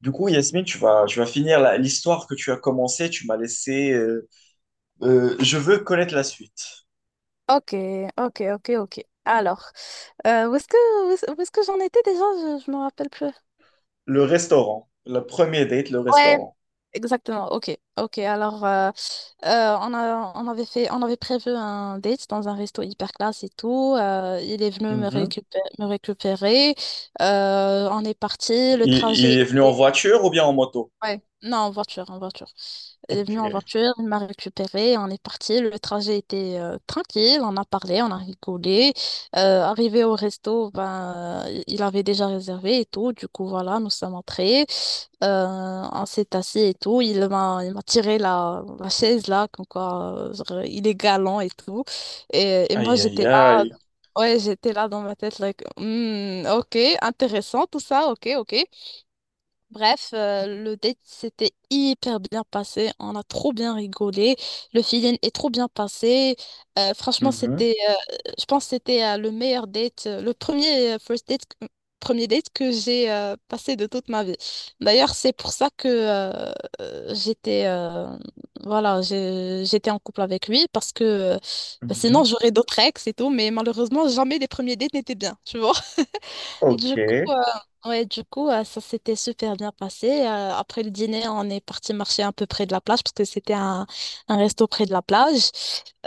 Du coup, Yasmine, tu vas finir l'histoire que tu as commencée. Tu m'as laissé. Je veux connaître la suite. Ok, ok, ok, ok. Alors, où est-ce que j'en étais déjà? Je me rappelle plus. Le restaurant. Le premier date, le Ouais, restaurant. exactement. Ok, ok. Alors, on a, on avait fait, on avait prévu un date dans un resto hyper classe et tout. Il est venu me Mhm. récupérer, me récupérer. On est parti. Il, il est venu en voiture ou bien en moto? Ouais, non, en voiture, en voiture. Elle est venue en Ok. voiture, elle m'a récupérée, on est parti. Le trajet était tranquille, on a parlé, on a rigolé. Arrivé au resto, ben, il avait déjà réservé et tout. Du coup, voilà, nous sommes entrés, on s'est assis et tout. Il m'a tiré la chaise là, comme quoi genre, il est galant et tout. Et moi, Aïe, aïe, j'étais là, aïe. ouais, j'étais là dans ma tête, like, hmm, ok, intéressant tout ça, ok, ok. Bref, le date s'était hyper bien passé, on a trop bien rigolé, le feeling est trop bien passé. Franchement, Mhm, je pense que c'était le meilleur date, le premier first date, premier date que j'ai passé de toute ma vie. D'ailleurs, c'est pour ça que j'étais, voilà, j'étais en couple avec lui parce que bah, sinon mhm. j'aurais d'autres ex et tout, mais malheureusement jamais les premiers dates n'étaient bien, tu vois. Du Ok, coup, euh, ouais, du coup, ça s'était super bien passé. Après le dîner, on est parti marcher un peu près de la plage parce que c'était un resto près de la plage.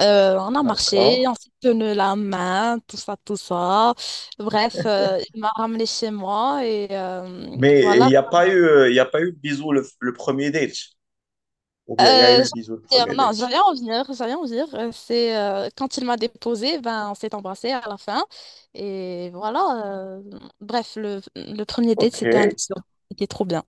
On a d'accord. marché, on s'est tenu la main, tout ça, tout ça. Bref, il m'a ramené chez moi et Mais voilà. Il n'y a pas eu le bisou le premier date. Ou bien il y a eu Euh, le bisou le premier date. non, j'allais en venir, j'allais en venir. C'est quand il m'a déposé, ben, on s'est embrassé à la fin. Et voilà. euh, Bref, le premier date, Ok, c'était un 10. C'était trop bien.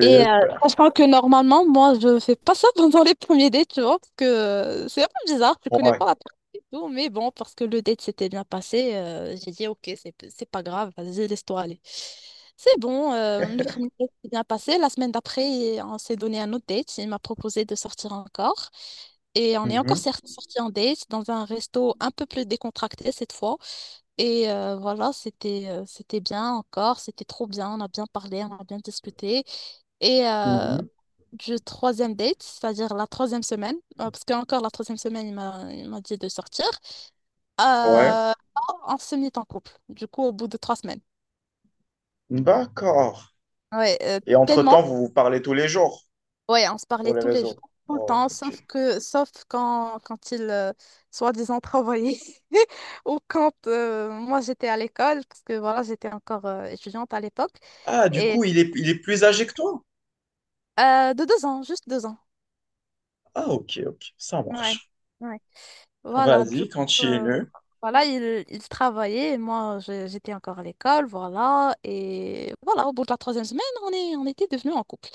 Et euh, Sachant que normalement, moi, je fais pas ça pendant les premiers dates, tu vois, parce que c'est un peu bizarre, je connais Ouais. pas la personne et tout, mais bon, parce que le date s'était bien passé, j'ai dit, ok, c'est pas grave, vas-y, laisse-toi aller. C'est bon, le premier date s'est bien passé, la semaine d'après, on s'est donné un autre date, il m'a proposé de sortir encore, et on est encore Mhm, sorti en date dans un resto un peu plus décontracté cette fois, et voilà, c'était bien encore, c'était trop bien, on a bien parlé, on a bien discuté. Et euh, mhm. du troisième date, c'est-à-dire la troisième semaine, parce qu'encore la troisième semaine, il m'a dit de sortir, Ouais. euh, on se mit en couple, du coup, au bout de 3 semaines. D'accord. Ouais, Et tellement. entre-temps, vous vous parlez tous les jours Ouais, on se sur parlait les tous les réseaux. jours, tout le Oh, temps, ok. Sauf quand il, soi-disant, travaillait, ou quand moi, j'étais à l'école, parce que voilà, j'étais encore étudiante à l'époque, Ah, du et coup, il est plus âgé que toi? De 2 ans, juste 2 ans. Ah, ok, ok, ça Ouais. marche. Ouais. Voilà, du Vas-y, coup, continue. voilà, il travaillait et moi, j'étais encore à l'école, voilà. Et voilà, au bout de la troisième semaine, on est, on était devenus en couple.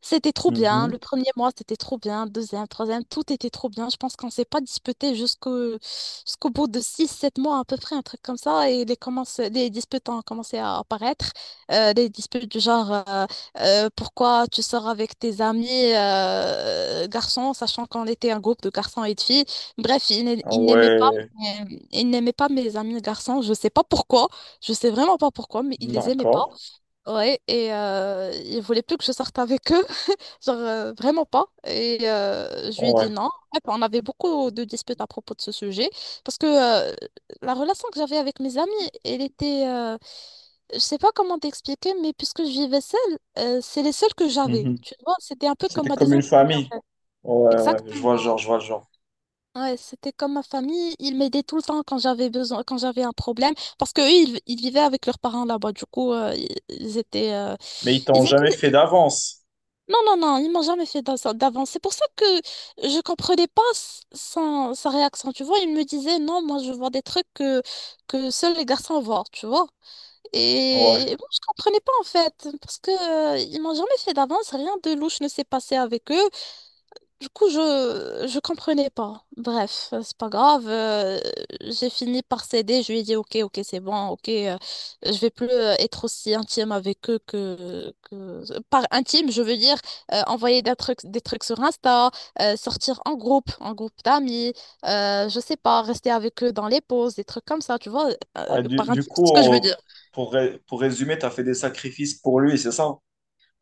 C'était trop bien. Mhm. Le premier mois, c'était trop bien. Deuxième, troisième, tout était trop bien. Je pense qu'on s'est pas disputé jusqu'au bout de six, sept mois à peu près, un truc comme ça. Et les disputes ont commencé à apparaître. Des disputes du genre, pourquoi tu sors avec tes amis garçons, sachant qu'on était un groupe de garçons et de filles. Bref, Ah ouais, il n'aimait pas mes amis garçons. Je sais pas pourquoi. Je sais vraiment pas pourquoi, mais il les aimait pas. d'accord. Ouais, et il voulait plus que je sorte avec eux, genre vraiment pas. Et je lui ai dit Ouais. non. Ouais, bah, on avait beaucoup de disputes à propos de ce sujet, parce que la relation que j'avais avec mes amis, elle était, euh, je sais pas comment t'expliquer, mais puisque je vivais seule, c'est les seules que j'avais. Mhm. Tu vois, c'était un peu comme C'était ma comme une deuxième famille en famille. fait. Ouais, ouais, je vois le genre, Exactement. je vois le genre. Ouais, c'était comme ma famille, ils m'aidaient tout le temps quand j'avais besoin, quand j'avais un problème, parce que eux, ils vivaient avec leurs parents là-bas, du coup, Mais ils t'ont ils jamais fait étaient, d'avance. non, non, non, ils m'ont jamais fait d'avance. C'est pour ça que je comprenais pas sa réaction, tu vois, il me disait, non, moi, je vois des trucs que seuls les garçons voient, tu vois, Ouais. et moi, je comprenais pas, en fait, parce que, ils m'ont jamais fait d'avance, rien de louche ne s'est passé avec eux, du coup, je comprenais pas. Bref, c'est pas grave. J'ai fini par céder. Je lui ai dit, ok, ok, c'est bon, ok. Je vais plus être aussi intime avec eux que... Par intime, je veux dire envoyer des trucs, sur Insta, sortir en groupe d'amis. Je sais pas, rester avec eux dans les pauses, des trucs comme ça, tu vois. Ah, du, Par du intime, c'est coup, ce que je veux dire. Pour résumer, t'as fait des sacrifices pour lui, c'est ça?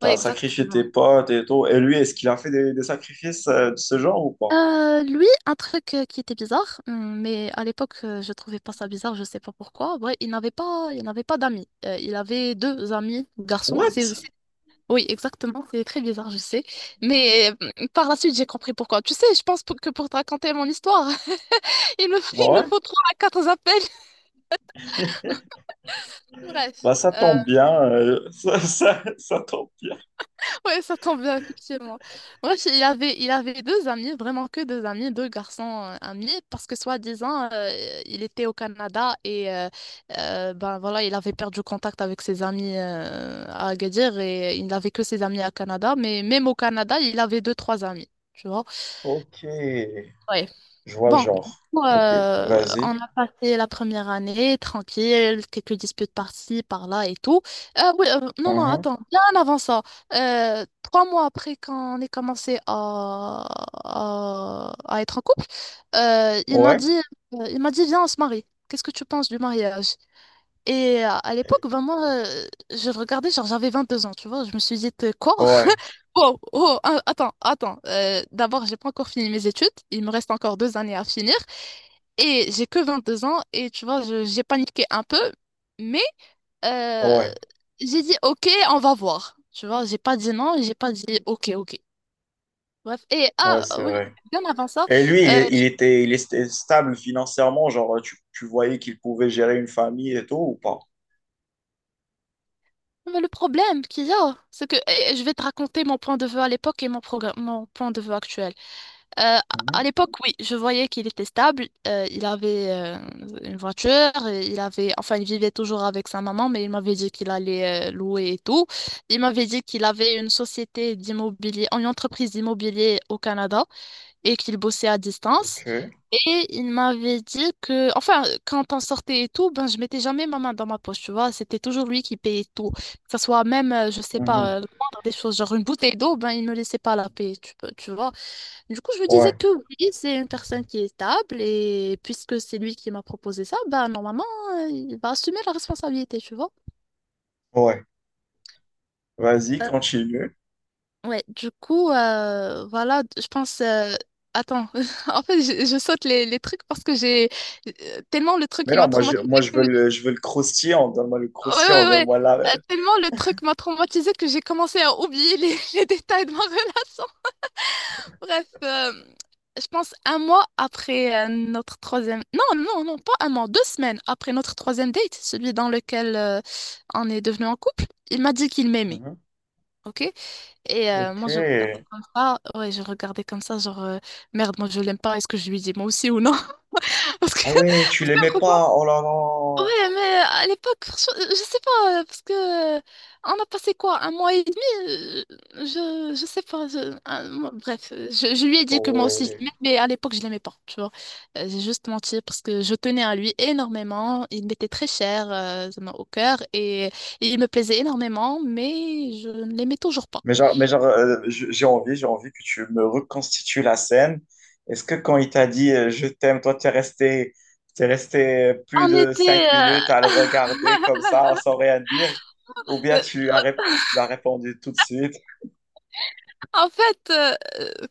Oui, exact. sacrifié tes potes et tout. Et lui, est-ce qu'il a fait des sacrifices de ce genre ou pas? Lui, un truc qui était bizarre, mais à l'époque, je trouvais pas ça bizarre, je sais pas pourquoi. Ouais, il n'avait pas d'amis. Il avait deux amis garçons. What? Oui, exactement, c'est très bizarre, je sais. Mais par la suite, j'ai compris pourquoi. Tu sais, je pense que pour te raconter mon histoire, il me, il nous Ouais, faut trois à quatre appels. Bref. bah ça tombe bien, ça tombe bien. Ouais, ça tombe bien, effectivement. Moi, j'ai- il avait deux amis, vraiment que deux amis, deux garçons amis, parce que soi-disant, il était au Canada et ben voilà, il avait perdu contact avec ses amis à Agadir et il n'avait que ses amis à Canada, mais même au Canada, il avait deux, trois amis, tu vois. Ok, je vois le Bon, du genre. coup, Ok, vas-y. on a passé la première année tranquille, quelques disputes par-ci, par-là et tout. Oui, non, non, Mhm. attends, bien avant ça, 3 mois après qu'on ait commencé à être en couple, euh, il m'a Ouais, dit, il m'a dit, viens, on se marie. Qu'est-ce que tu penses du mariage? Et à l'époque, vraiment, je regardais, genre j'avais 22 ans, tu vois. Je me suis dit, quoi? ouais, Wow, oh, attends, attends. D'abord, j'ai pas encore fini mes études. Il me reste encore 2 années à finir. Et j'ai que 22 ans. Et tu vois, j'ai paniqué un peu. Mais euh, ouais, j'ai dit, OK, on va voir. Tu vois, j'ai pas dit non. J'ai pas dit OK, OK. Bref. Ouais, c'est Oui, vrai. bien avant ça, Et lui, il, euh, il était stable financièrement, genre tu voyais qu'il pouvait gérer une famille et tout ou pas? mais le problème qu'il y a, c'est que eh, je vais te raconter mon point de vue à l'époque et mon point de vue actuel. Euh, à Mhm. l'époque, oui, je voyais qu'il était stable. Il avait une voiture, et il avait, enfin, il vivait toujours avec sa maman, mais il m'avait dit qu'il allait louer et tout. Il m'avait dit qu'il avait une société d'immobilier, une entreprise d'immobilier au Canada et qu'il bossait à distance. Ok. Et il m'avait dit que, enfin, quand on sortait et tout, ben, je mettais jamais ma main dans ma poche, tu vois. C'était toujours lui qui payait tout. Que ce soit même, je sais pas, Mhm. Prendre des choses, genre une bouteille d'eau, ben, il ne laissait pas la payer, tu vois. Du coup, je me disais Ouais, que oui, c'est une personne qui est stable et puisque c'est lui qui m'a proposé ça, bah normalement, il va assumer la responsabilité, tu vois. ouais. Vas-y, Euh, continue. ouais, du coup, voilà, je pense. Attends, en fait, je saute les trucs parce que j'ai tellement le truc Mais il non, m'a traumatisé moi je que... veux Ouais, je veux le croustillant, ouais, ouais. donne-moi la, Tellement le truc m'a traumatisé que j'ai commencé à oublier les, les détails de ma relation. Bref, je pense un mois après notre troisième... Non, non, non, pas un mois, 2 semaines après notre troisième date, celui dans lequel on est devenu en couple, il m'a dit qu'il m'aimait, Mhm. ok? Ok. Moi, je regardais comme ça, ouais, je regardais comme ça, genre, merde, moi, je l'aime pas, est-ce que je lui dis moi aussi ou non? Parce que Ah ouais, tu l'aimais pas. Oh là là. Ouais, mais à l'époque, franchement, sais pas, parce que on a passé quoi, un mois et demi? Je sais pas, bref, je lui ai dit que Oh moi aussi je ouais. l'aimais, mais à l'époque je l'aimais pas, tu vois. J'ai juste menti parce que je tenais à lui énormément, il m'était très cher au cœur et il me plaisait énormément, mais je ne l'aimais toujours pas. Mais genre j'ai envie que tu me reconstitues la scène. Est-ce que quand il t'a dit je t'aime, toi, t'es resté plus On de était, 5 minutes à le regarder comme ça, sans rien dire? Ou bien tu l'as répondu tout de suite? En fait,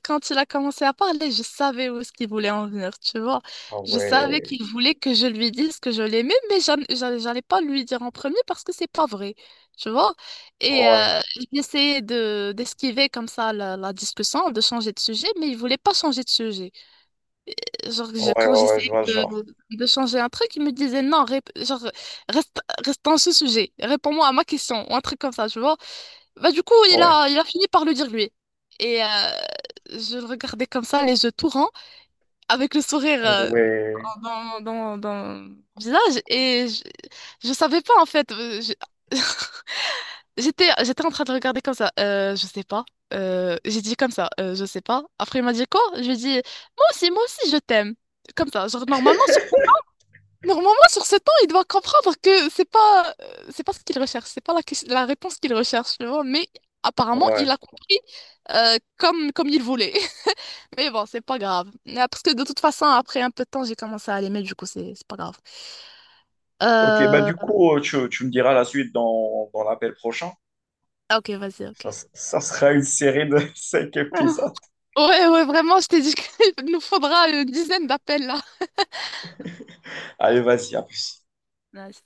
quand il a commencé à parler, je savais où est-ce qu'il voulait en venir, tu vois. Ah Je savais ouais, qu'il voulait que je lui dise que je l'aimais, mais j'allais pas lui dire en premier parce que c'est pas vrai, tu vois. Et ouais, euh, J'essayais de d'esquiver comme ça la discussion, de changer de sujet, mais il voulait pas changer de sujet. Genre, ouais, quand ouais, ouais, je j'essayais vois le genre. de changer un truc, il me disait non, genre, reste, reste dans ce sujet, réponds-moi à ma question, ou un truc comme ça, tu vois. Bah, du coup, il Ouais, a, il a fini par le dire lui. Et euh, je le regardais comme ça, les yeux tout ronds, avec le sourire ouais, dans le visage. Et je savais pas, en fait. J'étais en train de regarder comme ça. Je sais pas. J'ai dit comme ça. Je sais pas. Après, il m'a dit quoi? Je lui ai dit, moi aussi, je t'aime. Comme ça. Genre, normalement, sur 7 ans, il doit comprendre que c'est pas ce qu'il recherche, c'est pas la réponse qu'il recherche, tu vois. Mais apparemment, ouais. il a compris comme il voulait. Mais bon, c'est pas grave. Ah, parce que de toute façon, après un peu de temps, j'ai commencé à l'aimer, du coup, c'est pas grave. Ok, bah du Euh... coup, tu me diras la suite dans l'appel prochain. ah, ok, vas-y, Ça, ok. ça sera une série de cinq épisodes. Ouais, ouais, vraiment, je t'ai dit qu'il nous faudra une dizaine d'appels là. Allez, vas-y, à plus. Ouais,